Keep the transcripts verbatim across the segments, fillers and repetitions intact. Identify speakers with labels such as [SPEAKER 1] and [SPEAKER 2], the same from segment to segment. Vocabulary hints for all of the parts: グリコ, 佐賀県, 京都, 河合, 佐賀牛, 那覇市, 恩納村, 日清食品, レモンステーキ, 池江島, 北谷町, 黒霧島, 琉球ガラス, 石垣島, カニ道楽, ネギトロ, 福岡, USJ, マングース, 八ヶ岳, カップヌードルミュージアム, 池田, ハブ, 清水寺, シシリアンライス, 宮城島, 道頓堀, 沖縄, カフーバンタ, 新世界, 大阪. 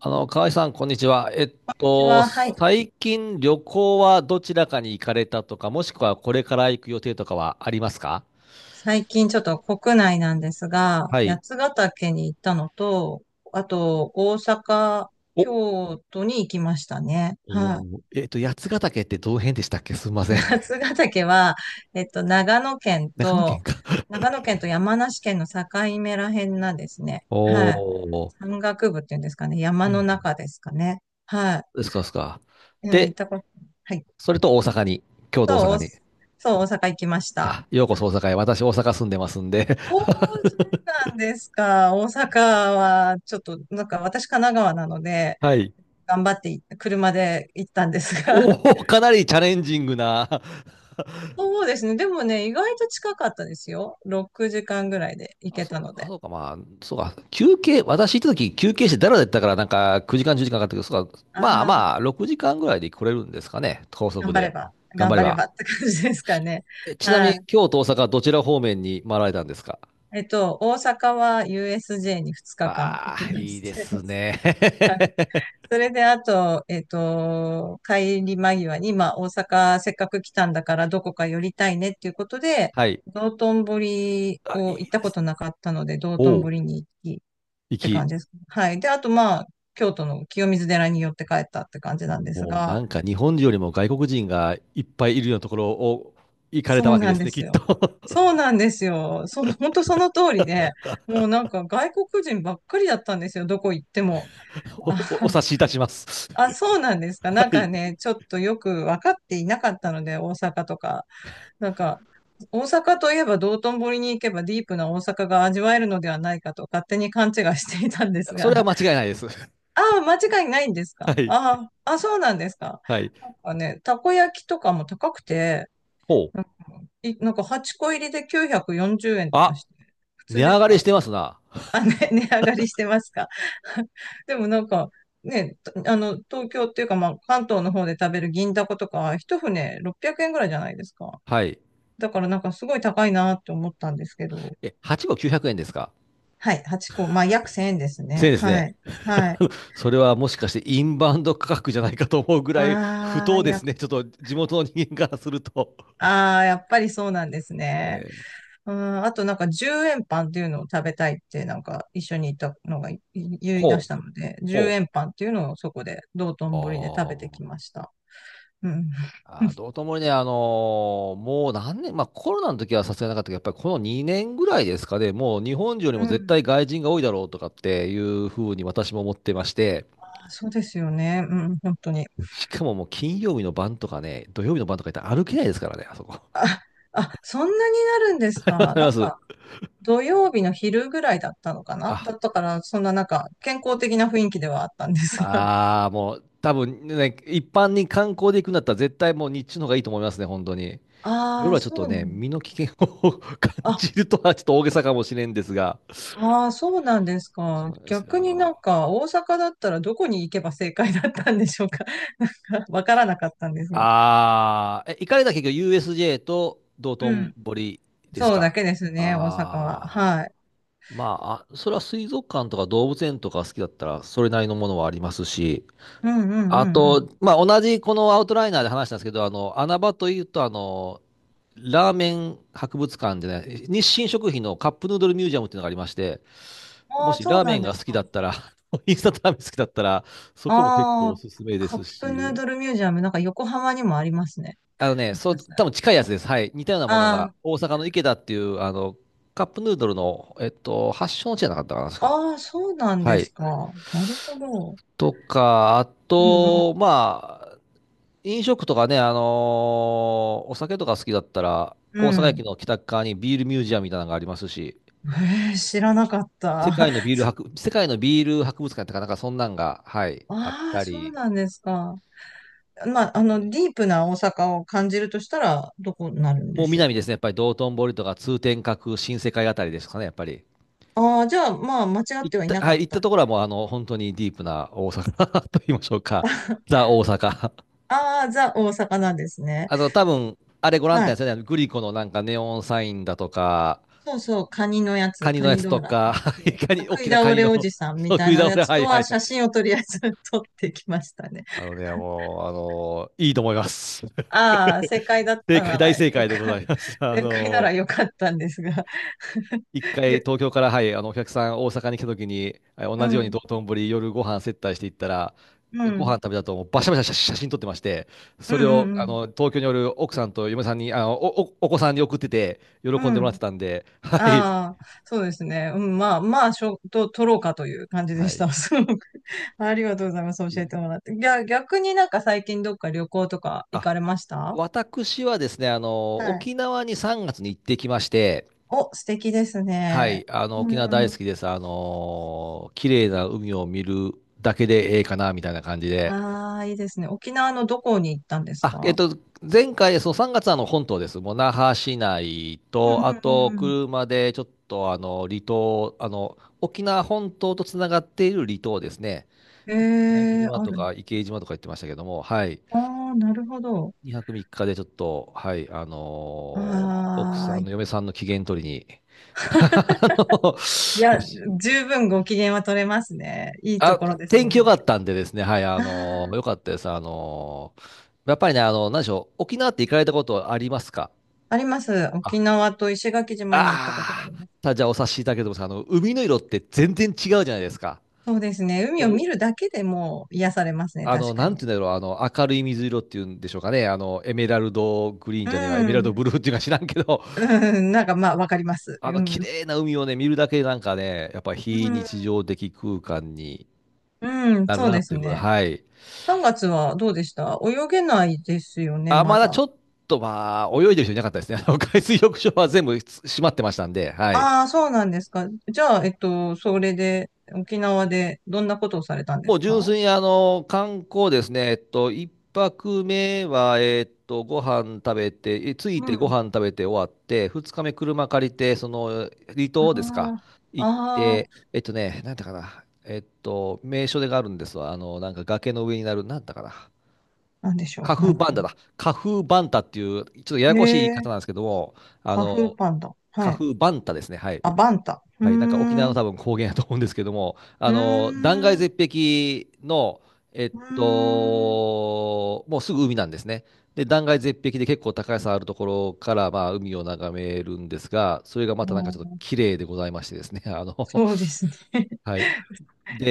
[SPEAKER 1] あの、河合さん、こんにちは。えっ
[SPEAKER 2] こんにち
[SPEAKER 1] と、
[SPEAKER 2] は、はい。
[SPEAKER 1] 最近旅行はどちらかに行かれたとか、もしくはこれから行く予定とかはありますか？
[SPEAKER 2] 最近ちょっと国内なんですが、
[SPEAKER 1] はい。
[SPEAKER 2] 八ヶ岳に行ったのと、あと大阪、
[SPEAKER 1] お、お
[SPEAKER 2] 京都に行きましたね。は
[SPEAKER 1] ー、えっと、八ヶ岳ってどの辺でしたっけすみま
[SPEAKER 2] い。
[SPEAKER 1] せん。
[SPEAKER 2] 八ヶ岳は、えっと、長野県
[SPEAKER 1] 長野県
[SPEAKER 2] と、
[SPEAKER 1] か。
[SPEAKER 2] 長野県と山梨県の境目らへんなんですね。
[SPEAKER 1] お
[SPEAKER 2] はい。
[SPEAKER 1] ー、
[SPEAKER 2] 山岳部っていうんですかね。山
[SPEAKER 1] は
[SPEAKER 2] の
[SPEAKER 1] い。
[SPEAKER 2] 中ですかね。は
[SPEAKER 1] ですか、ですか。
[SPEAKER 2] い。えー行っ
[SPEAKER 1] で、
[SPEAKER 2] たこと、はい。
[SPEAKER 1] それと大阪に、京都大
[SPEAKER 2] そう、
[SPEAKER 1] 阪
[SPEAKER 2] お
[SPEAKER 1] に。
[SPEAKER 2] そう、大阪行きました。
[SPEAKER 1] あ、ようこそ大阪へ。私、大阪住んでますんで。
[SPEAKER 2] おー、そうなんですか。大阪は、ちょっと、なんか私神奈川なので、
[SPEAKER 1] はい。
[SPEAKER 2] 頑張ってい車で行ったんです が。
[SPEAKER 1] おー、かなりチャレンジングな。
[SPEAKER 2] そうですね。でもね、意外と近かったですよ。ろくじかんぐらいで行
[SPEAKER 1] あ、
[SPEAKER 2] け
[SPEAKER 1] そう、
[SPEAKER 2] たの
[SPEAKER 1] あ、
[SPEAKER 2] で。
[SPEAKER 1] そうか、まあ、そうか、休憩、私行った時休憩してだらだったから、なんかきゅうじかん、じゅうじかんかんかかったけど、そうか、まあ
[SPEAKER 2] あ
[SPEAKER 1] ま
[SPEAKER 2] あ、
[SPEAKER 1] あ、ろくじかんぐらいで来れるんですかね、高速
[SPEAKER 2] 頑張れ
[SPEAKER 1] で。
[SPEAKER 2] ば、
[SPEAKER 1] 頑
[SPEAKER 2] 頑
[SPEAKER 1] 張れ
[SPEAKER 2] 張れ
[SPEAKER 1] ば。
[SPEAKER 2] ばって感じですかね。
[SPEAKER 1] え、ちなみ
[SPEAKER 2] は
[SPEAKER 1] に、
[SPEAKER 2] い。
[SPEAKER 1] 京都、大阪、どちら方面に回られたんですか？
[SPEAKER 2] えっと、大阪は ユーエスジェー にふつかかん
[SPEAKER 1] あ
[SPEAKER 2] 行
[SPEAKER 1] あ
[SPEAKER 2] き
[SPEAKER 1] ー、
[SPEAKER 2] ま
[SPEAKER 1] いい
[SPEAKER 2] し
[SPEAKER 1] で
[SPEAKER 2] て。
[SPEAKER 1] す ね。
[SPEAKER 2] それで、あと、えっと、帰り間際に、まあ、大阪せっかく来たんだからどこか寄りたいねっていうことで、
[SPEAKER 1] はい。
[SPEAKER 2] 道頓堀
[SPEAKER 1] あ、
[SPEAKER 2] を行っ
[SPEAKER 1] いい
[SPEAKER 2] た
[SPEAKER 1] で
[SPEAKER 2] こ
[SPEAKER 1] す。
[SPEAKER 2] となかったので、道
[SPEAKER 1] お
[SPEAKER 2] 頓
[SPEAKER 1] う、
[SPEAKER 2] 堀に行きっ
[SPEAKER 1] 行
[SPEAKER 2] て感
[SPEAKER 1] き。
[SPEAKER 2] じです。はい。で、あと、まあ、京都の清水寺に寄って帰ったって感じなんです
[SPEAKER 1] もう
[SPEAKER 2] が、
[SPEAKER 1] なんか日本人よりも外国人がいっぱいいるようなところを行かれ
[SPEAKER 2] そ
[SPEAKER 1] た
[SPEAKER 2] う
[SPEAKER 1] わけ
[SPEAKER 2] な
[SPEAKER 1] で
[SPEAKER 2] ん
[SPEAKER 1] す
[SPEAKER 2] で
[SPEAKER 1] ね、き
[SPEAKER 2] す
[SPEAKER 1] っと。
[SPEAKER 2] よ。そうなんですよ。そう、本当その通りで、もうなんか外国人ばっかりだったんですよ、どこ行っても。
[SPEAKER 1] お、お、お 察しいたします。
[SPEAKER 2] あ、そうなんですか。
[SPEAKER 1] は
[SPEAKER 2] なんか
[SPEAKER 1] い。
[SPEAKER 2] ね、ちょっとよく分かっていなかったので、大阪とか。なんか、大阪といえば道頓堀に行けばディープな大阪が味わえるのではないかと勝手に勘違いしていたんです
[SPEAKER 1] そ
[SPEAKER 2] が。
[SPEAKER 1] れは 間違いないです。
[SPEAKER 2] ああ、間違いないんです
[SPEAKER 1] は
[SPEAKER 2] か、
[SPEAKER 1] い。
[SPEAKER 2] ああ、あ、そうなんですか。
[SPEAKER 1] はい。
[SPEAKER 2] なんかね、たこ焼きとかも高くて、
[SPEAKER 1] ほう。
[SPEAKER 2] なんかいなんかはっこ入りできゅうひゃくよんじゅうえんとか
[SPEAKER 1] あ、
[SPEAKER 2] して、普
[SPEAKER 1] 値
[SPEAKER 2] 通で
[SPEAKER 1] 上
[SPEAKER 2] す
[SPEAKER 1] がり
[SPEAKER 2] か？
[SPEAKER 1] してますな。
[SPEAKER 2] 値上がりしてますか？ でもなんか、ね、あの、東京っていうか、まあ、関東の方で食べる銀だことか、一船ろっぴゃくえんぐらいじゃないですか。
[SPEAKER 1] はい。
[SPEAKER 2] だからなんかすごい高いなって思ったんですけど。
[SPEAKER 1] え、はちごう号きゅうひゃくえんですか？
[SPEAKER 2] はい、はっこ。まあ、約せんえんです
[SPEAKER 1] せん
[SPEAKER 2] ね。
[SPEAKER 1] 円です
[SPEAKER 2] は
[SPEAKER 1] ね。
[SPEAKER 2] い。はい。
[SPEAKER 1] それはもしかしてインバウンド価格じゃないかと思うぐらい不
[SPEAKER 2] ああ、
[SPEAKER 1] 当で
[SPEAKER 2] やっ
[SPEAKER 1] すね。ちょっと地元の人間からすると。
[SPEAKER 2] ああ、やっぱりそうなんです
[SPEAKER 1] え
[SPEAKER 2] ね。
[SPEAKER 1] ー
[SPEAKER 2] うん、あとなんかじゅうえんパンっていうのを食べたいってなんか一緒にいたのがい言い出
[SPEAKER 1] ほ
[SPEAKER 2] し
[SPEAKER 1] う、
[SPEAKER 2] たので、10
[SPEAKER 1] ほ
[SPEAKER 2] 円
[SPEAKER 1] う。
[SPEAKER 2] パンっていうのをそこで道
[SPEAKER 1] あ
[SPEAKER 2] 頓堀で食べて
[SPEAKER 1] ー、
[SPEAKER 2] きました。うん。
[SPEAKER 1] あー、どうともにね、あのーもう何年、まあコロナの時はさすがになかったけど、やっぱりこのにねんぐらいですかね、もう日本人より
[SPEAKER 2] う
[SPEAKER 1] も絶
[SPEAKER 2] ん。
[SPEAKER 1] 対外人が多いだろうとかっていうふうに私も思ってまして、
[SPEAKER 2] あ、そうですよね。うん、本当に。
[SPEAKER 1] しかももう金曜日の晩とかね、土曜日の晩とか行ったら歩けないですからね、あそこ。
[SPEAKER 2] あ、あ、そんなになるんです
[SPEAKER 1] わかり
[SPEAKER 2] か。な
[SPEAKER 1] ま
[SPEAKER 2] ん
[SPEAKER 1] す。
[SPEAKER 2] か、土曜日の昼ぐらいだったのかな
[SPEAKER 1] あ、
[SPEAKER 2] だったから、そんななんか、健康的な雰囲気ではあったんですが。
[SPEAKER 1] ああ、もう多分ね、一般に観光で行くんだったら絶対もう日中の方がいいと思いますね、本当に。
[SPEAKER 2] あ
[SPEAKER 1] 夜
[SPEAKER 2] あ、
[SPEAKER 1] はちょっ
[SPEAKER 2] そ
[SPEAKER 1] と
[SPEAKER 2] うな
[SPEAKER 1] ね、
[SPEAKER 2] ん
[SPEAKER 1] 身の危険を 感じるとはちょっと大げさかもしれんですが。
[SPEAKER 2] あああ、そうなんです
[SPEAKER 1] そ
[SPEAKER 2] か。
[SPEAKER 1] うです
[SPEAKER 2] 逆になん
[SPEAKER 1] よ。
[SPEAKER 2] か、大阪だったらどこに行けば正解だったんでしょうか。なんか、わからなかったんですが。
[SPEAKER 1] ああ、え、行かれた結局 ユーエスジェー と道
[SPEAKER 2] う
[SPEAKER 1] 頓
[SPEAKER 2] ん。
[SPEAKER 1] 堀です
[SPEAKER 2] そうだ
[SPEAKER 1] か。
[SPEAKER 2] けですね、大阪は。
[SPEAKER 1] ああ、
[SPEAKER 2] はい。
[SPEAKER 1] まあ、あそれは水族館とか動物園とか好きだったら、それなりのものはありますし、
[SPEAKER 2] うんうんう
[SPEAKER 1] あ
[SPEAKER 2] んうん。
[SPEAKER 1] と、まあ、同じこのアウトライナーで話したんですけど、あの、穴場というと、あの、ラーメン博物館でね、日清食品のカップヌードルミュージアムっていうのがありまして、
[SPEAKER 2] あ
[SPEAKER 1] も
[SPEAKER 2] あ、
[SPEAKER 1] し
[SPEAKER 2] そ
[SPEAKER 1] ラ
[SPEAKER 2] う
[SPEAKER 1] ー
[SPEAKER 2] な
[SPEAKER 1] メ
[SPEAKER 2] ん
[SPEAKER 1] ン
[SPEAKER 2] で
[SPEAKER 1] が
[SPEAKER 2] す
[SPEAKER 1] 好きだ
[SPEAKER 2] か。
[SPEAKER 1] ったら、インスタントラーメン好きだったら、そこも結構お
[SPEAKER 2] ああ、
[SPEAKER 1] すすめで
[SPEAKER 2] カ
[SPEAKER 1] す
[SPEAKER 2] ップヌー
[SPEAKER 1] し、
[SPEAKER 2] ドルミュージアム、なんか横浜にもありますね。
[SPEAKER 1] あのね、
[SPEAKER 2] もし
[SPEAKER 1] そう、
[SPEAKER 2] かした
[SPEAKER 1] 多
[SPEAKER 2] ら。
[SPEAKER 1] 分近いやつです。はい。似たようなものが、
[SPEAKER 2] あ
[SPEAKER 1] 大阪の池田っていう、あの、カップヌードルの、えっと、発祥の地じゃなかったかな、確か。
[SPEAKER 2] あ、ああ、そうなん
[SPEAKER 1] は
[SPEAKER 2] です
[SPEAKER 1] い。
[SPEAKER 2] か。なるほど。
[SPEAKER 1] とか、あ
[SPEAKER 2] うんうん、
[SPEAKER 1] と、まあ、飲食とかね、あのーお酒とか好きだったら、
[SPEAKER 2] う
[SPEAKER 1] 大阪駅
[SPEAKER 2] ん。
[SPEAKER 1] の北側にビールミュージアムみたいなのがありますし、
[SPEAKER 2] えー、知らなかった。
[SPEAKER 1] 世 界のビール博、世界のビール博物館とか、なんかそんなんが、はい、あっ
[SPEAKER 2] ああ、
[SPEAKER 1] た
[SPEAKER 2] そう
[SPEAKER 1] り
[SPEAKER 2] なんですか。ま
[SPEAKER 1] と
[SPEAKER 2] あ、あの、
[SPEAKER 1] か、
[SPEAKER 2] ディープな大阪を感じるとしたら、どこになるん
[SPEAKER 1] も
[SPEAKER 2] で
[SPEAKER 1] う
[SPEAKER 2] しょう
[SPEAKER 1] 南で
[SPEAKER 2] か。
[SPEAKER 1] すね、やっぱり道頓堀とか通天閣、新世界あたりですかね、やっぱり。
[SPEAKER 2] ああ、じゃあ、まあ、間違っ
[SPEAKER 1] 行っ
[SPEAKER 2] てはいな
[SPEAKER 1] た、
[SPEAKER 2] か
[SPEAKER 1] は
[SPEAKER 2] っ
[SPEAKER 1] い、行った
[SPEAKER 2] た。
[SPEAKER 1] ところはもう、あの、本当にディープな大阪 と言いましょうか、ザ・大阪。
[SPEAKER 2] ああ、ザ大阪なんですね。
[SPEAKER 1] あの、多分、あれご覧に
[SPEAKER 2] は
[SPEAKER 1] なっ
[SPEAKER 2] い。
[SPEAKER 1] たんですよね、グリコのなんかネオンサインだとか、
[SPEAKER 2] そうそう、カニのや
[SPEAKER 1] カ
[SPEAKER 2] つ、
[SPEAKER 1] ニ
[SPEAKER 2] カ
[SPEAKER 1] のや
[SPEAKER 2] ニ
[SPEAKER 1] つと
[SPEAKER 2] 道
[SPEAKER 1] か、
[SPEAKER 2] 楽と。そ
[SPEAKER 1] カニ、大
[SPEAKER 2] 食い
[SPEAKER 1] きなカ
[SPEAKER 2] 倒
[SPEAKER 1] ニ
[SPEAKER 2] れ
[SPEAKER 1] の
[SPEAKER 2] おじさん みた
[SPEAKER 1] 食
[SPEAKER 2] い
[SPEAKER 1] い
[SPEAKER 2] な
[SPEAKER 1] 倒
[SPEAKER 2] や
[SPEAKER 1] れ、
[SPEAKER 2] つ
[SPEAKER 1] は
[SPEAKER 2] と
[SPEAKER 1] いは
[SPEAKER 2] は
[SPEAKER 1] いはい。
[SPEAKER 2] 写真をとりあえず 撮ってきましたね。
[SPEAKER 1] あのね、もう、あのーいいと思います。
[SPEAKER 2] ああ、正解だっ
[SPEAKER 1] 正
[SPEAKER 2] た
[SPEAKER 1] 解、
[SPEAKER 2] な
[SPEAKER 1] 大
[SPEAKER 2] ら
[SPEAKER 1] 正
[SPEAKER 2] よ
[SPEAKER 1] 解でござ
[SPEAKER 2] か、
[SPEAKER 1] います。あ
[SPEAKER 2] 正解な
[SPEAKER 1] の
[SPEAKER 2] ら
[SPEAKER 1] ー
[SPEAKER 2] よかったんですが。
[SPEAKER 1] 一回
[SPEAKER 2] げ
[SPEAKER 1] 東京から、はい、あの、お客さん大阪に来た時に、はい、
[SPEAKER 2] う
[SPEAKER 1] 同じように
[SPEAKER 2] ん、
[SPEAKER 1] 道頓堀夜ご飯接待していったら、
[SPEAKER 2] う
[SPEAKER 1] ご飯
[SPEAKER 2] ん、
[SPEAKER 1] 食べたともうバシャバシャ写真撮ってまして、
[SPEAKER 2] う
[SPEAKER 1] そ
[SPEAKER 2] ん、う
[SPEAKER 1] れを
[SPEAKER 2] ん、う
[SPEAKER 1] あ
[SPEAKER 2] ん。
[SPEAKER 1] の東京におる奥さんと嫁さんに、あのお、お、お子さんに送ってて、喜
[SPEAKER 2] う
[SPEAKER 1] んでもらって
[SPEAKER 2] ん
[SPEAKER 1] たんで、はい。
[SPEAKER 2] ああ、そうですね。うん、まあ、まあ、しょ、と、撮ろうかという感じで
[SPEAKER 1] は
[SPEAKER 2] し
[SPEAKER 1] い。
[SPEAKER 2] た。すごくありがとうございます。教えてもらって。ぎゃ、逆になんか最近どっか旅行とか行
[SPEAKER 1] あ、
[SPEAKER 2] かれましたは、
[SPEAKER 1] 私はですね、あの、
[SPEAKER 2] い
[SPEAKER 1] 沖縄にさんがつに行ってきまして、
[SPEAKER 2] お、素敵です
[SPEAKER 1] は
[SPEAKER 2] ね。
[SPEAKER 1] い、あの、沖縄
[SPEAKER 2] う
[SPEAKER 1] 大好
[SPEAKER 2] ん。
[SPEAKER 1] きです。あの、綺麗な海を見るだけでええかな、みたいな感じで。
[SPEAKER 2] ああ、いいですね。沖縄のどこに行ったんです
[SPEAKER 1] あ、えっ
[SPEAKER 2] か？
[SPEAKER 1] と、前回、そのさんがつはあの本島です。もう那覇市内
[SPEAKER 2] う
[SPEAKER 1] と、あ
[SPEAKER 2] ん
[SPEAKER 1] と、
[SPEAKER 2] うんうん
[SPEAKER 1] 車でちょっと、あの、離島、あの、沖縄本島とつながっている離島ですね。
[SPEAKER 2] うん。
[SPEAKER 1] 宮城
[SPEAKER 2] ええ
[SPEAKER 1] 島
[SPEAKER 2] あ
[SPEAKER 1] と
[SPEAKER 2] る。
[SPEAKER 1] か池江島とか言ってましたけども、はい。
[SPEAKER 2] ああ、なるほど。
[SPEAKER 1] にはくみっかでちょっと、はい、あのー奥さ
[SPEAKER 2] あ
[SPEAKER 1] ん、
[SPEAKER 2] あ、
[SPEAKER 1] あ
[SPEAKER 2] い
[SPEAKER 1] の嫁さんの機嫌取りに、あの、
[SPEAKER 2] や、十分ご機嫌は取れますね。いいと
[SPEAKER 1] あ、
[SPEAKER 2] ころです
[SPEAKER 1] 天
[SPEAKER 2] も
[SPEAKER 1] 気
[SPEAKER 2] ん
[SPEAKER 1] 良か
[SPEAKER 2] ね。
[SPEAKER 1] ったんでですね、はい、あ
[SPEAKER 2] あ
[SPEAKER 1] の、良か
[SPEAKER 2] あ、
[SPEAKER 1] ったです。あの、やっぱりね、あの、何でしょう、沖縄って行かれたことありますか？
[SPEAKER 2] あります。
[SPEAKER 1] あ、
[SPEAKER 2] 沖縄と石垣島に行ったことがあ
[SPEAKER 1] あ
[SPEAKER 2] り
[SPEAKER 1] ー
[SPEAKER 2] ます。
[SPEAKER 1] さあ、じゃあお察しいただければと思います。あの、海の色って全然違うじゃないですか。
[SPEAKER 2] そうですね。海を
[SPEAKER 1] お、
[SPEAKER 2] 見るだけでもう癒されますね。
[SPEAKER 1] あ
[SPEAKER 2] 確
[SPEAKER 1] の、
[SPEAKER 2] か
[SPEAKER 1] なん
[SPEAKER 2] に。
[SPEAKER 1] て言うんだろう、あの、明るい水色っていうんでしょうかね、あの、エメラルドグリーン
[SPEAKER 2] う
[SPEAKER 1] じゃねえわ、エメラルド
[SPEAKER 2] ん。
[SPEAKER 1] ブルーっていうか知らんけど、
[SPEAKER 2] うん、なんかまあ、わかります。
[SPEAKER 1] あ
[SPEAKER 2] う
[SPEAKER 1] の、綺
[SPEAKER 2] ん。
[SPEAKER 1] 麗な海をね、見るだけでなんかね、やっぱ
[SPEAKER 2] う
[SPEAKER 1] 非
[SPEAKER 2] ん、
[SPEAKER 1] 日常的空間に
[SPEAKER 2] うん、
[SPEAKER 1] なる
[SPEAKER 2] そう
[SPEAKER 1] な
[SPEAKER 2] で
[SPEAKER 1] っ
[SPEAKER 2] す
[SPEAKER 1] ていうことで、
[SPEAKER 2] ね。
[SPEAKER 1] はい。
[SPEAKER 2] さんがつはどうでした？泳げないですよね、
[SPEAKER 1] あ、
[SPEAKER 2] ま
[SPEAKER 1] まだちょ
[SPEAKER 2] だ。
[SPEAKER 1] っと、まあ、泳いでる人いなかったですね。あの、海水浴場は全部閉まってましたんで、はい。
[SPEAKER 2] ああ、そうなんですか。じゃあ、えっと、それで、沖縄でどんなことをされたんで
[SPEAKER 1] も
[SPEAKER 2] す
[SPEAKER 1] う純
[SPEAKER 2] か？
[SPEAKER 1] 粋に、あの、観光ですね。えっと、一泊目は、えっと、ご飯食べて、え着い
[SPEAKER 2] う
[SPEAKER 1] てご
[SPEAKER 2] ん。
[SPEAKER 1] 飯食べて終わって、二日目車借りて、その、離
[SPEAKER 2] あ
[SPEAKER 1] 島ですか、
[SPEAKER 2] あ、
[SPEAKER 1] 行っ
[SPEAKER 2] ああ、
[SPEAKER 1] て、えっとね、なんだかな。えっと、名所でがあるんですわ。あの、なんか崖の上になる、なんだかな。
[SPEAKER 2] なんでしょ
[SPEAKER 1] カ
[SPEAKER 2] う。な
[SPEAKER 1] フー
[SPEAKER 2] んだ
[SPEAKER 1] バン
[SPEAKER 2] ろ
[SPEAKER 1] タだ。カフーバンタっていう、ちょっとや
[SPEAKER 2] う。
[SPEAKER 1] やこしい言
[SPEAKER 2] え
[SPEAKER 1] い方な
[SPEAKER 2] え、
[SPEAKER 1] んですけども、あ
[SPEAKER 2] カフー
[SPEAKER 1] の、
[SPEAKER 2] パンダ。は
[SPEAKER 1] カ
[SPEAKER 2] い。
[SPEAKER 1] フーバンタですね。はい。
[SPEAKER 2] あ、バンタ。うー
[SPEAKER 1] はい、なんか沖縄
[SPEAKER 2] ん、
[SPEAKER 1] の
[SPEAKER 2] う
[SPEAKER 1] 多分高原だと思うんですけども、あ
[SPEAKER 2] ー
[SPEAKER 1] の、断崖
[SPEAKER 2] ん、う
[SPEAKER 1] 絶壁の、えっ
[SPEAKER 2] ーん。
[SPEAKER 1] と、もうすぐ海なんですね。で、断崖絶壁で結構高さあるところから、まあ、海を眺めるんですが、それがまたなんかち
[SPEAKER 2] も
[SPEAKER 1] ょっと
[SPEAKER 2] う
[SPEAKER 1] 綺麗でございましてですね、あの、
[SPEAKER 2] そうですね。
[SPEAKER 1] はい。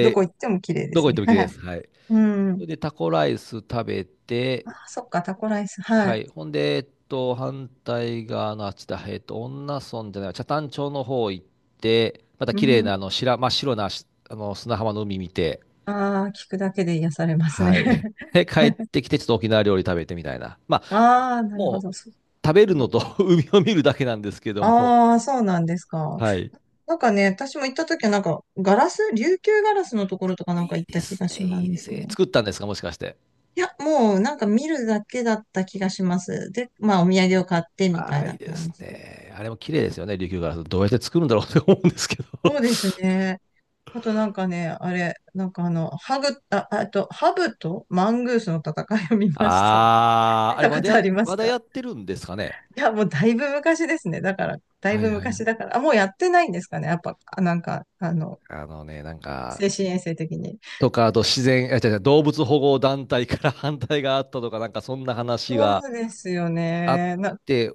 [SPEAKER 2] どこ行っても綺麗で
[SPEAKER 1] どこ
[SPEAKER 2] す
[SPEAKER 1] 行っ
[SPEAKER 2] ね。
[SPEAKER 1] ても綺麗
[SPEAKER 2] は
[SPEAKER 1] で
[SPEAKER 2] い。
[SPEAKER 1] す。はい。
[SPEAKER 2] う
[SPEAKER 1] そ
[SPEAKER 2] ん。
[SPEAKER 1] れで、タコライス食べて、
[SPEAKER 2] ああ、そっか、タコライス。は
[SPEAKER 1] は
[SPEAKER 2] い。
[SPEAKER 1] い。ほんで、えっと、反対側のあっちだ。えっと、恩納村じゃない、北谷町の方行って、また
[SPEAKER 2] う
[SPEAKER 1] 綺麗
[SPEAKER 2] ん。
[SPEAKER 1] な、あの、白、真っ白な、しあの、砂浜の海見て、
[SPEAKER 2] ああ、聞くだけで癒されますね。
[SPEAKER 1] はい。で、帰ってきて、ちょっと沖縄料理食べてみたいな。まあ、
[SPEAKER 2] ああ、なるほ
[SPEAKER 1] もう、
[SPEAKER 2] ど。そう。
[SPEAKER 1] 食べるのと 海を見るだけなんですけども。
[SPEAKER 2] ああ、そうなんですか。
[SPEAKER 1] はい。
[SPEAKER 2] なんかね、私も行った時はなんか、ガラス、琉球ガラスのところとかなんか
[SPEAKER 1] いい
[SPEAKER 2] 行っ
[SPEAKER 1] で
[SPEAKER 2] た気
[SPEAKER 1] す
[SPEAKER 2] が
[SPEAKER 1] ね、
[SPEAKER 2] しま
[SPEAKER 1] いいです
[SPEAKER 2] す
[SPEAKER 1] ね。
[SPEAKER 2] ね。
[SPEAKER 1] 作ったんですか、もしかして。
[SPEAKER 2] いや、もうなんか見るだけだった気がします。で、まあお土産を買ってみた
[SPEAKER 1] あ
[SPEAKER 2] い
[SPEAKER 1] あ、いい
[SPEAKER 2] な
[SPEAKER 1] です
[SPEAKER 2] 感じで。
[SPEAKER 1] ね。あれも綺麗ですよね、琉球ガラス。どうやって作るんだろうって思うんですけど。
[SPEAKER 2] そうですね。あとなんかね、あれ、なんかあの、ハグ、あ、あと、ハブとマングースの戦いを見 ました。
[SPEAKER 1] ああ、
[SPEAKER 2] 見
[SPEAKER 1] あれ
[SPEAKER 2] た
[SPEAKER 1] ま
[SPEAKER 2] こ
[SPEAKER 1] だ
[SPEAKER 2] と
[SPEAKER 1] や、
[SPEAKER 2] ありま
[SPEAKER 1] ま
[SPEAKER 2] す
[SPEAKER 1] だ
[SPEAKER 2] か？
[SPEAKER 1] やってるんですかね。
[SPEAKER 2] いや、もうだいぶ昔ですね。だから、だい
[SPEAKER 1] はい
[SPEAKER 2] ぶ
[SPEAKER 1] はい、
[SPEAKER 2] 昔だから。あ、もうやってないんですかね。やっぱ、あなんか、あの、
[SPEAKER 1] あのね、なんか、
[SPEAKER 2] 精神衛生的に。
[SPEAKER 1] とか、あと自然、あ、違う違う、動物保護団体から 反対があったとか、なんかそんな話が
[SPEAKER 2] そうですよ
[SPEAKER 1] あっ
[SPEAKER 2] ね。な、
[SPEAKER 1] て、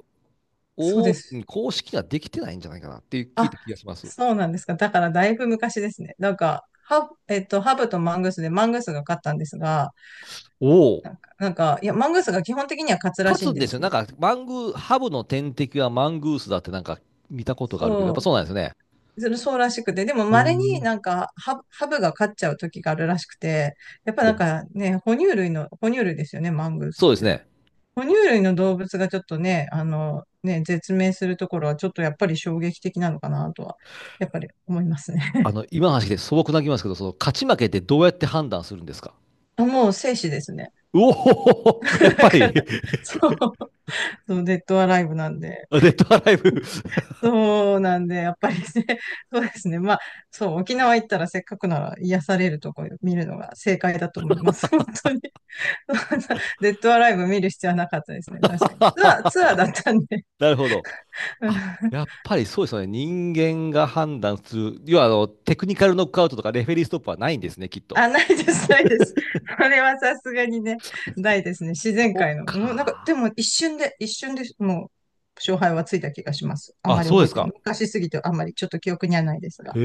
[SPEAKER 2] そうで
[SPEAKER 1] お
[SPEAKER 2] す。
[SPEAKER 1] 公式ができてないんじゃないかなっていう聞い
[SPEAKER 2] あ、
[SPEAKER 1] た気がします。
[SPEAKER 2] そうなんですか。だからだいぶ昔ですね。なんか、ハブ、えっと、ハブとマングースでマングースが勝ったんですが、
[SPEAKER 1] おお、
[SPEAKER 2] なんか、なんかいや、マングースが基本的には勝つら
[SPEAKER 1] 勝
[SPEAKER 2] しい
[SPEAKER 1] つ
[SPEAKER 2] ん
[SPEAKER 1] ん
[SPEAKER 2] で
[SPEAKER 1] ですよ。
[SPEAKER 2] す
[SPEAKER 1] なん
[SPEAKER 2] よ。
[SPEAKER 1] か、マングー、ハブの天敵はマングースだってなんか見たことがあるけど、やっぱ
[SPEAKER 2] そ
[SPEAKER 1] そうなんですね。
[SPEAKER 2] う。それそうらしくて、でも
[SPEAKER 1] へえ。
[SPEAKER 2] 稀になんかハブ、ハブが勝っちゃう時があるらしくて、やっぱなん
[SPEAKER 1] お、
[SPEAKER 2] かね、哺乳類の、哺乳類ですよね、マングー
[SPEAKER 1] そ
[SPEAKER 2] ス
[SPEAKER 1] うで
[SPEAKER 2] っ
[SPEAKER 1] す
[SPEAKER 2] て。
[SPEAKER 1] ね。
[SPEAKER 2] 哺乳類の動物がちょっとね、あの、ね、絶命するところはちょっとやっぱり衝撃的なのかなとは、やっぱり思いますね。
[SPEAKER 1] あ の、今の話で素朴な気ますけど、その勝ち負けってどうやって判断するんですか？
[SPEAKER 2] あもう生死ですね。
[SPEAKER 1] うおほほほ やっ
[SPEAKER 2] だ
[SPEAKER 1] ぱ
[SPEAKER 2] か
[SPEAKER 1] り
[SPEAKER 2] ら、
[SPEAKER 1] デ
[SPEAKER 2] そう、そう、デッドアライブなんで。
[SPEAKER 1] ッドアライブ。
[SPEAKER 2] そうなんで、やっぱりね、そうですね。まあ、そう、沖縄行ったらせっかくなら癒されるとこ見るのが正解だと思います。本当に。そんなデッドアライブ見る必要はなかったですね。確かに。ツアー、ツアーだったんで。
[SPEAKER 1] なるほど。
[SPEAKER 2] うん
[SPEAKER 1] あ、やっぱりそうですよね。人間が判断する。要は、あの、テクニカルノックアウトとかレフェリーストップはないんですね、きっと。
[SPEAKER 2] あ、ないです、ないです。それはさすがにね、ないですね。自然
[SPEAKER 1] そっ
[SPEAKER 2] 界の。もうなんか、で
[SPEAKER 1] か。
[SPEAKER 2] も一瞬で、一瞬でもう、勝敗はついた気がします。あん
[SPEAKER 1] あ、
[SPEAKER 2] まり
[SPEAKER 1] そう
[SPEAKER 2] 覚
[SPEAKER 1] で
[SPEAKER 2] え
[SPEAKER 1] す
[SPEAKER 2] てな
[SPEAKER 1] か。
[SPEAKER 2] い。昔すぎてあんまりちょっと記憶にはないです
[SPEAKER 1] へ
[SPEAKER 2] が。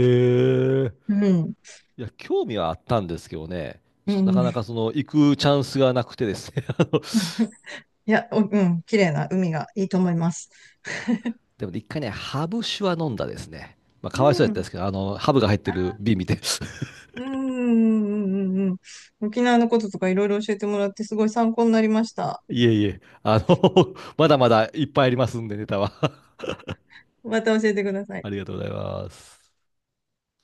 [SPEAKER 1] え。
[SPEAKER 2] うん。
[SPEAKER 1] いや、興味はあったんですけどね。
[SPEAKER 2] う
[SPEAKER 1] ちょっとなかな
[SPEAKER 2] ん。
[SPEAKER 1] かその、行くチャンスがなくてですね。あの、い
[SPEAKER 2] いや、おうん。綺麗な海がいいと思います。
[SPEAKER 1] や、でもね一回ね、ハブ酒は飲んだですね。まあ、
[SPEAKER 2] う
[SPEAKER 1] かわいそうやったんで
[SPEAKER 2] ん。
[SPEAKER 1] すけど、あの、ハブが入って
[SPEAKER 2] あ
[SPEAKER 1] る瓶見て。
[SPEAKER 2] うんうんうんうんうん。沖縄のこととかいろいろ教えてもらってすごい参考になりました。
[SPEAKER 1] いえいえ、あの、まだまだいっぱいありますんで、ネタは。
[SPEAKER 2] また教えてください。
[SPEAKER 1] ありがとうございます。